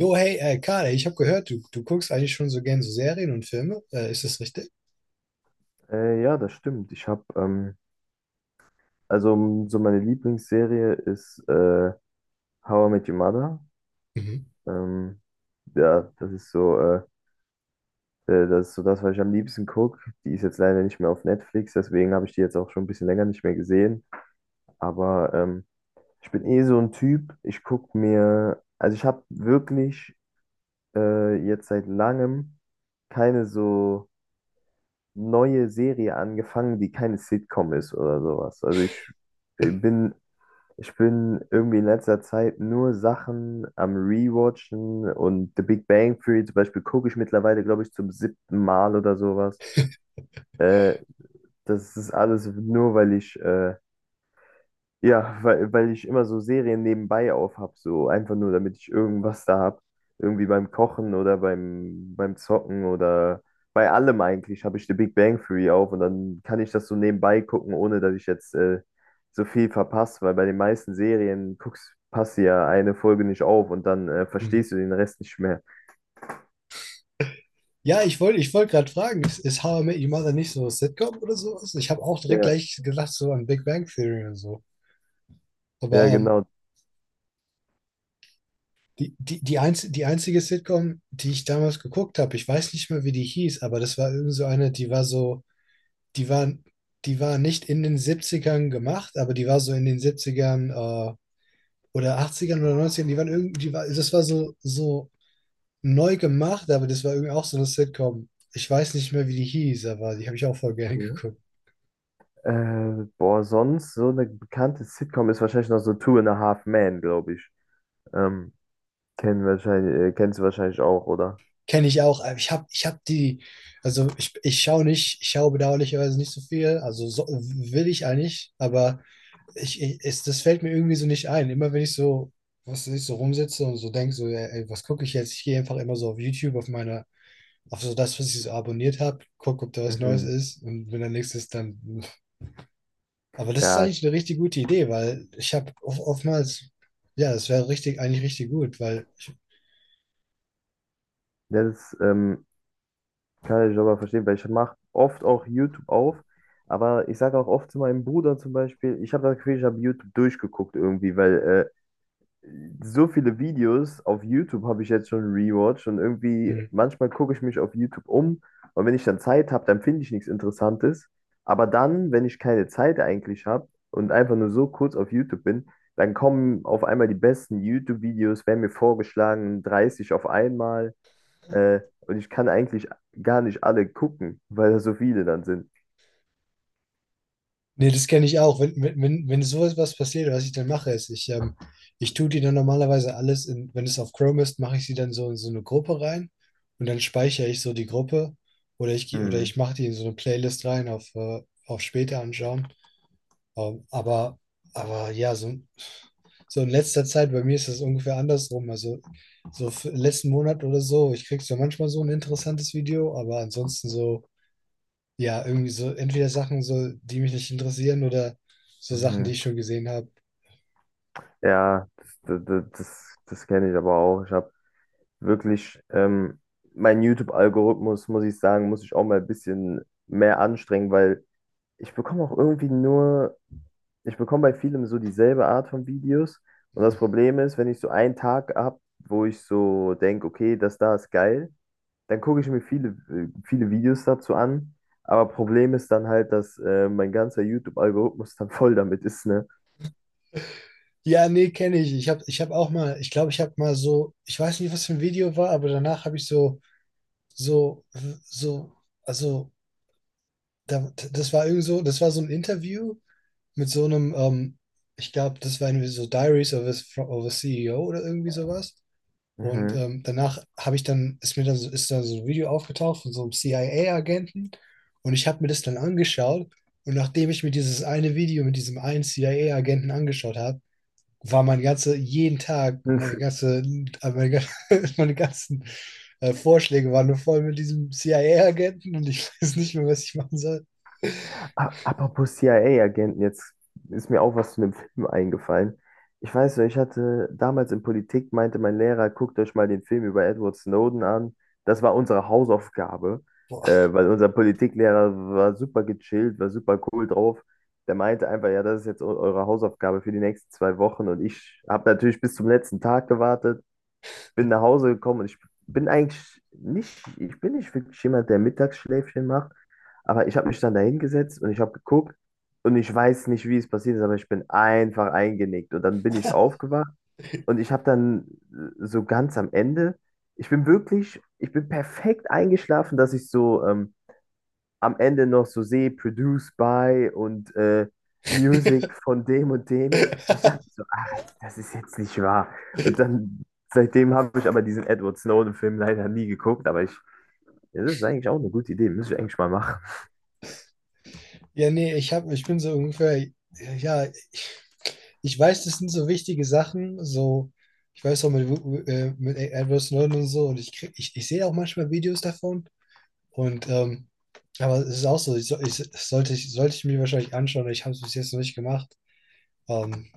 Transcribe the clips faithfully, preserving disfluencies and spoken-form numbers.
Jo, hey, äh, Karl, ich habe gehört, du, du guckst eigentlich schon so gern so Serien und Filme. Äh, ist das richtig? Äh, ja, das stimmt. Ich habe, ähm, also m, so meine Lieblingsserie ist äh, How I Met Your Mother. Mhm. Ähm, ja, das ist so, äh, äh, das ist so das, was ich am liebsten gucke. Die ist jetzt leider nicht mehr auf Netflix, deswegen habe ich die jetzt auch schon ein bisschen länger nicht mehr gesehen. Aber ähm, ich bin eh so ein Typ. Ich gucke mir, also ich habe wirklich äh, jetzt seit langem keine so neue Serie angefangen, die keine Sitcom ist oder sowas. Also ich ich bin Ich bin irgendwie in letzter Zeit nur Sachen am Rewatchen und The Big Bang Theory zum Beispiel gucke ich mittlerweile, glaube ich, zum siebten Mal oder sowas. Äh, Das ist alles nur, weil ich äh, ja, weil, weil ich immer so Serien nebenbei aufhab, so einfach nur, damit ich irgendwas da hab. Irgendwie beim Kochen oder beim, beim Zocken oder bei allem eigentlich habe ich The Big Bang Theory auf und dann kann ich das so nebenbei gucken, ohne dass ich jetzt äh, so viel verpasse, weil bei den meisten Serien guckst, passt ja eine Folge nicht auf und dann äh, Mhm. verstehst du den Rest nicht mehr. Ja, ich wollte ich wollt gerade fragen, ist, ist How I Met Your Mother nicht so ein Sitcom oder sowas? Ich habe auch direkt Ja, gleich gedacht, so an Big Bang Theory und so. Aber ja, ähm, genau. die, die, die, einz die einzige Sitcom, die ich damals geguckt habe, ich weiß nicht mehr, wie die hieß, aber das war irgend so eine, die war so, die war, die war nicht in den Siebzigern gemacht, aber die war so in den Siebzigern äh, oder Achtzigern oder Neunzigern, die waren irgendwie, die war, das war so, so neu gemacht, aber das war irgendwie auch so eine Sitcom. Ich weiß nicht mehr, wie die hieß, aber die habe ich auch voll gerne Mhm. geguckt. Äh, boah, sonst so eine bekannte Sitcom ist wahrscheinlich noch so Two and a Half Men, glaube ich. Ähm, Kennen wahrscheinlich, äh, kennst du wahrscheinlich auch, oder? Kenne ich auch. Aber Ich habe ich hab die, also ich, ich schaue nicht, ich schaue bedauerlicherweise nicht so viel, also so, will ich eigentlich, aber ich, ich, es, das fällt mir irgendwie so nicht ein. Immer wenn ich so, was weiß ich, so rumsitze und so denke, so, ey, ey, was gucke ich jetzt? Ich gehe einfach immer so auf YouTube, auf meine, auf so das, was ich so abonniert habe, gucke, ob da was Neues Mhm. ist und wenn da nichts ist, dann aber das ist Ja, eigentlich eine richtig gute Idee, weil ich habe of- oftmals, ja, das wäre richtig, eigentlich richtig gut, weil, das ähm, kann ich aber verstehen, weil ich mache oft auch YouTube auf, aber ich sage auch oft zu meinem Bruder zum Beispiel, ich habe das Gefühl, ich habe YouTube durchgeguckt irgendwie, weil äh, so viele Videos auf YouTube habe ich jetzt schon rewatcht und irgendwie mh, manchmal gucke ich mich auf YouTube um und wenn ich dann Zeit habe, dann finde ich nichts Interessantes. Aber dann, wenn ich keine Zeit eigentlich habe und einfach nur so kurz auf YouTube bin, dann kommen auf einmal die besten YouTube-Videos, werden mir vorgeschlagen, dreißig auf einmal. Äh, und ich kann eigentlich gar nicht alle gucken, weil da so viele dann sind. nee, das kenne ich auch. Wenn, wenn, wenn wenn sowas was passiert, was ich dann mache, ist, ich, ähm, ich tue die dann normalerweise alles in, wenn es auf Chrome ist, mache ich sie dann so in so eine Gruppe rein und dann speichere ich so die Gruppe oder ich, geh- oder Hm. ich mache die in so eine Playlist rein auf, äh, auf später anschauen. Ähm, aber, aber ja, so, so in letzter Zeit, bei mir ist das ungefähr andersrum. Also so f- letzten Monat oder so, ich krieg so manchmal so ein interessantes Video, aber ansonsten so, ja, irgendwie so entweder Sachen so, die mich nicht interessieren oder so Sachen, die Mhm. ich schon gesehen habe. Ja, das, das, das, das kenne ich aber auch. Ich habe wirklich ähm, mein YouTube-Algorithmus, muss ich sagen, muss ich auch mal ein bisschen mehr anstrengen, weil ich bekomme auch irgendwie nur, ich bekomme bei vielem so dieselbe Art von Videos. Und das Problem ist, wenn ich so einen Tag habe, wo ich so denke, okay, das da ist geil, dann gucke ich mir viele, äh, viele Videos dazu an. Aber Problem ist dann halt, dass äh, mein ganzer YouTube-Algorithmus dann voll damit ist, ne? Ja, nee, kenne ich. Ich habe ich hab auch mal, ich glaube, ich habe mal so, ich weiß nicht, was für ein Video war, aber danach habe ich so, so, so, also, da, das war irgend so, das war so ein Interview mit so einem, ähm, ich glaube, das war irgendwie so Diaries of a, of a C E O oder irgendwie sowas. Und Mhm. ähm, danach habe ich dann, ist mir dann so, ist da so ein Video aufgetaucht von so einem C I A-Agenten und ich habe mir das dann angeschaut. Und nachdem ich mir dieses eine Video mit diesem einen C I A-Agenten angeschaut habe, war mein ganze, jeden Tag, meine ganze, äh, meine, gan- meine ganzen äh, Vorschläge waren nur voll mit diesem C I A-Agenten und ich weiß nicht mehr, was ich machen soll. A- Apropos C I A-Agenten, jetzt ist mir auch was zu einem Film eingefallen. Ich weiß noch, ich hatte damals in Politik, meinte mein Lehrer, guckt euch mal den Film über Edward Snowden an. Das war unsere Hausaufgabe, äh, Boah. weil unser Politiklehrer war super gechillt, war super cool drauf. Der meinte einfach, ja, das ist jetzt eu- eure Hausaufgabe für die nächsten zwei Wochen. Und ich habe natürlich bis zum letzten Tag gewartet, bin nach Hause gekommen und ich bin eigentlich nicht, ich bin nicht wirklich jemand, der Mittagsschläfchen macht, aber ich habe mich dann da hingesetzt und ich habe geguckt und ich weiß nicht, wie es passiert ist, aber ich bin einfach eingenickt und dann bin ich aufgewacht und ich habe dann äh, so ganz am Ende, ich bin wirklich, ich bin perfekt eingeschlafen, dass ich so ähm, am Ende noch so sehe, produced by und äh, Music von dem und dem. Und ich dachte so, ah, das ist jetzt nicht wahr. Und dann, seitdem habe ich aber diesen Edward Snowden-Film leider nie geguckt, aber ich, das ist eigentlich auch eine gute Idee, müsste ich eigentlich mal machen. Ja, nee, ich hab, ich bin so ungefähr, ja, ich, ich weiß, das sind so wichtige Sachen, so, ich weiß auch mit, äh, mit Edward Snowden und so, und ich krieg, ich, ich sehe auch manchmal Videos davon. Und ähm, aber es ist auch so, ich, so- ich, das sollte ich, sollte ich mir wahrscheinlich anschauen, ich habe es bis jetzt noch nicht gemacht. Ähm,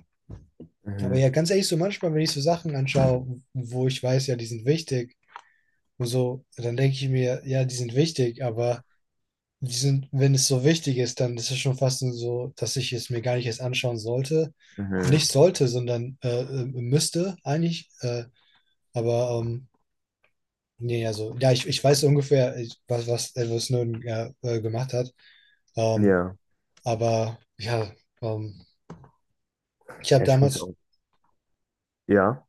aber Mhm, ja, ganz ehrlich, so manchmal, wenn ich so Sachen anschaue, wo ich weiß, ja, die sind wichtig und so, dann denke ich mir, ja, die sind wichtig, aber die sind, wenn es so wichtig ist, dann ist es schon fast so, dass ich es mir gar nicht erst anschauen sollte. mhm, Nicht sollte, sondern äh, äh, müsste eigentlich. Äh, aber ähm, nee, also, ja, ich, ich weiß ungefähr, ich- was, was Edward Snowden ja, äh, gemacht hat. Ähm, ja. aber ja, ähm, ich habe Ja, ich muss damals, auch. Ja,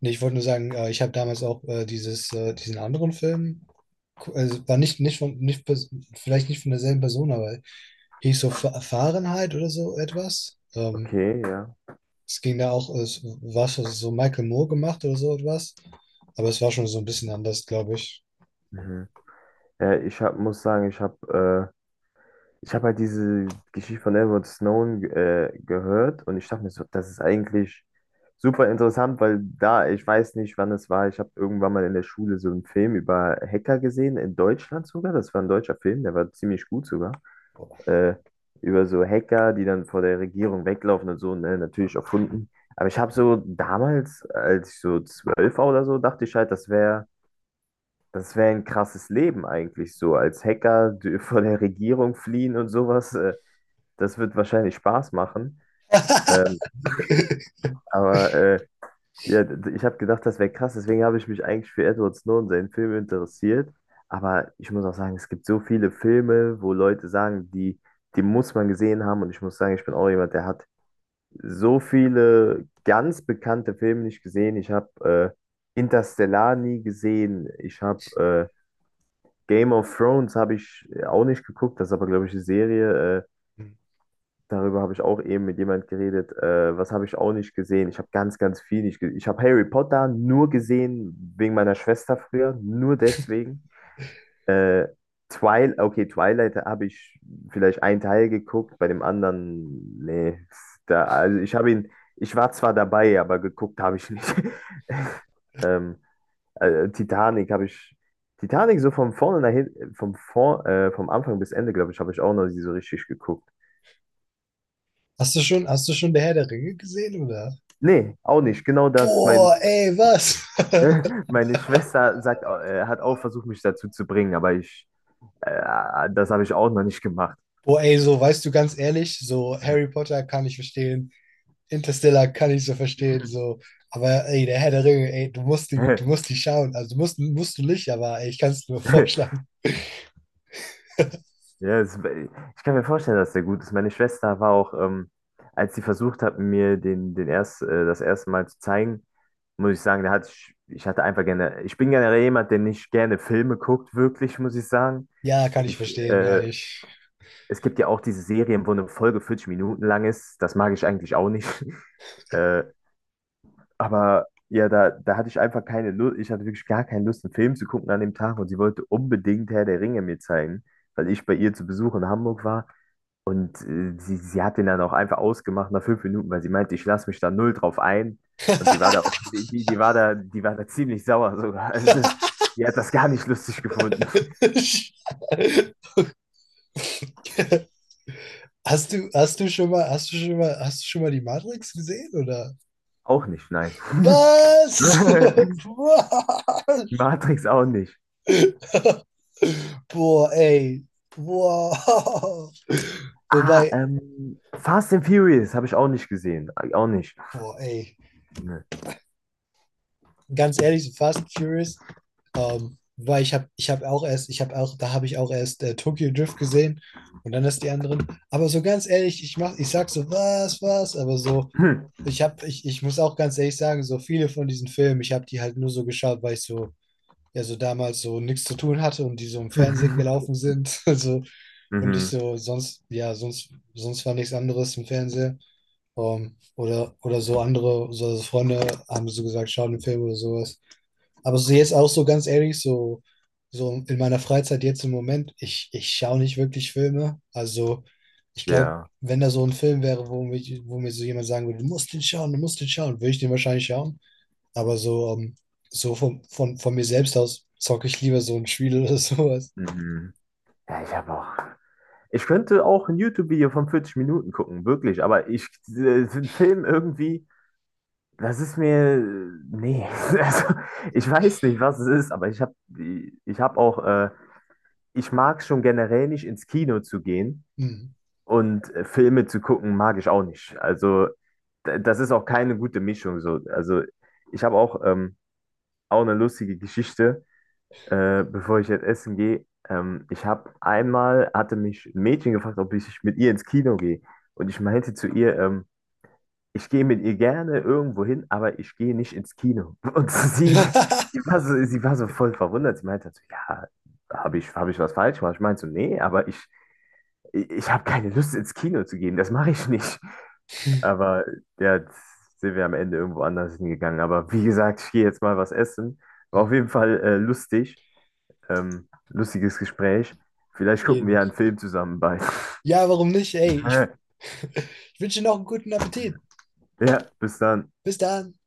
nee, ich wollte nur sagen, äh, ich habe damals auch äh, dieses, äh, diesen anderen Film, gu- also war nicht, nicht von, nicht, pers- vielleicht nicht von derselben Person, aber hieß so Fa- Fahrenheit oder so etwas. Ähm, okay, ja. Es ging da auch, es war schon so Michael Moore gemacht oder so etwas. Aber es war schon so ein bisschen anders, glaube ich. Mhm. Ja, ich hab, muss sagen, ich habe äh, ich hab halt diese Geschichte von Edward Snowden äh, gehört und ich dachte mir so, das ist eigentlich super interessant, weil da, ich weiß nicht, wann es war, ich habe irgendwann mal in der Schule so einen Film über Hacker gesehen, in Deutschland sogar, das war ein deutscher Film, der war ziemlich gut sogar, äh, über so Hacker, die dann vor der Regierung weglaufen und so, ne, natürlich erfunden. Aber ich habe so damals, als ich so zwölf war oder so, dachte ich halt, das wäre das wäre ein krasses Leben eigentlich so. Als Hacker d- vor der Regierung fliehen und sowas, äh, das wird wahrscheinlich Spaß machen. Ähm, aber äh, ja, d- ich habe gedacht, das wäre krass. Deswegen habe ich mich eigentlich für Edward Snowden, seinen Film, interessiert. Aber ich muss auch sagen, es gibt so viele Filme, wo Leute sagen, die, die muss man gesehen haben. Und ich muss sagen, ich bin auch jemand, der hat so viele ganz bekannte Filme nicht gesehen. Ich habe äh, Interstellar nie gesehen. Ich habe Game of Thrones, habe ich äh, auch nicht geguckt, das ist aber, glaube ich, eine Serie. Äh, darüber habe ich auch eben mit jemand geredet. Äh, was habe ich auch nicht gesehen? Ich habe ganz, ganz viel nicht gesehen. Ich habe Harry Potter nur gesehen wegen meiner Schwester früher, nur deswegen. Äh, Twilight, okay, Twilight habe ich vielleicht einen Teil geguckt, bei dem anderen, nee. Da, also ich habe ihn, ich war zwar dabei, aber geguckt habe ich nicht. Ähm, äh, Titanic habe ich. Titanic so von vorne nach hinten, vom, vor, äh, vom Anfang bis Ende, glaube ich, habe ich auch noch nie so richtig geguckt. Hast du schon, hast du schon der Herr der Ringe gesehen, oder? Nee, auch nicht. Genau das. Mein, Boah, ey, was? Meine Schwester sagt, au- äh, hat auch versucht, mich dazu zu bringen, aber ich, äh, das habe ich auch noch nicht gemacht. Boah, ey, so, weißt du, ganz ehrlich, so Harry Potter kann ich verstehen, Interstellar kann ich so verstehen, so. Aber ey, der Herr der Ringe, ey, du musst die, du musst die schauen. Also, du musst, musst du nicht, aber ey, ich kann es nur vorschlagen. Ja, es, ich kann mir vorstellen, dass der gut ist. Meine Schwester war auch, ähm, als sie versucht hat, mir den, den erst, äh, das erste Mal zu zeigen, muss ich sagen, da hatte ich, ich hatte einfach gerne, ich bin generell jemand, der nicht gerne Filme guckt, wirklich, muss ich sagen. Ja, kann ich Ich, verstehen, äh, eigentlich. Es gibt ja auch diese Serien, wo eine Folge vierzig Minuten lang ist. Das mag ich eigentlich auch nicht. Äh, aber ja, da, da hatte ich einfach keine Lust, ich hatte wirklich gar keine Lust, einen Film zu gucken an dem Tag und sie wollte unbedingt Herr der Ringe mir zeigen, weil ich bei ihr zu Besuch in Hamburg war. Und äh, sie, sie hat den dann auch einfach ausgemacht nach fünf Minuten, weil sie meinte, ich lasse mich da null drauf ein. Und die war da auch, die, die, die war da, die war da ziemlich sauer sogar. Also, die hat das gar nicht lustig gefunden. Hast du, hast du schon mal, hast du schon mal, hast du schon mal die Matrix gesehen, oder? Auch nicht, nein. Was? Wow. Matrix auch nicht. Boah, ey. Wow. Ah, Wobei, ähm, Fast and Furious habe ich auch nicht gesehen. Äh, Auch nicht. boah, ey. Ne. Ganz ehrlich, so Fast and Furious Ähm, weil ich habe ich hab auch erst, ich habe auch, da habe ich auch erst äh, Tokyo Drift gesehen und dann erst die anderen. Aber so ganz ehrlich, ich mach, ich sag so, was, was, aber so, Hm. ich habe, ich, ich muss auch ganz ehrlich sagen, so viele von diesen Filmen, ich habe die halt nur so geschaut, weil ich so, ja, so damals so nichts zu tun hatte und die so im Fernsehen gelaufen sind. Also, und ich Mhm. so, sonst, ja, sonst, sonst war nichts anderes im Fernsehen. Ähm, oder, oder so andere, so Freunde haben so gesagt, schau den Film oder sowas. Aber so jetzt auch so ganz ehrlich, so, so in meiner Freizeit jetzt im Moment, ich, ich schaue nicht wirklich Filme. Also ich glaube, Ja. wenn da so ein Film wäre, wo, mich, wo mir so jemand sagen würde, du musst den schauen, du musst den schauen, würde ich den wahrscheinlich schauen. Aber so, ähm, so von, von, von mir selbst aus zocke ich lieber so ein Spiel oder sowas. Mhm. Ja, ich habe auch. Ich könnte auch ein YouTube-Video von vierzig Minuten gucken, wirklich, aber ich, äh, den Film irgendwie, das ist mir, nee, also ich weiß nicht, was es ist, aber ich habe ich habe auch, äh, ich mag schon generell nicht ins Kino zu gehen Hm. und äh, Filme zu gucken, mag ich auch nicht. Also d- das ist auch keine gute Mischung so. Also ich habe auch, ähm, auch eine lustige Geschichte, äh, bevor ich jetzt essen gehe. Ähm, ich habe einmal, hatte mich ein Mädchen gefragt, ob ich mit ihr ins Kino gehe. Und ich meinte zu ihr, ähm, ich gehe mit ihr gerne irgendwo hin, aber ich gehe nicht ins Kino. Und sie, sie war so, sie war so voll verwundert. Sie meinte halt so, ja, habe ich, hab ich was falsch gemacht? Ich meinte so, nee, aber ich, ich habe keine Lust ins Kino zu gehen, das mache ich nicht. Aber ja, jetzt sind wir am Ende irgendwo anders hingegangen. Aber wie gesagt, ich gehe jetzt mal was essen. Hm. War auf jeden Fall äh, lustig. Ähm, lustiges Gespräch. Vielleicht gucken wir Jeden. ja einen Film zusammen bei. Ja, warum nicht? Ey, ich, ich wünsche dir noch einen guten Appetit. Ja, bis dann. Bis dann.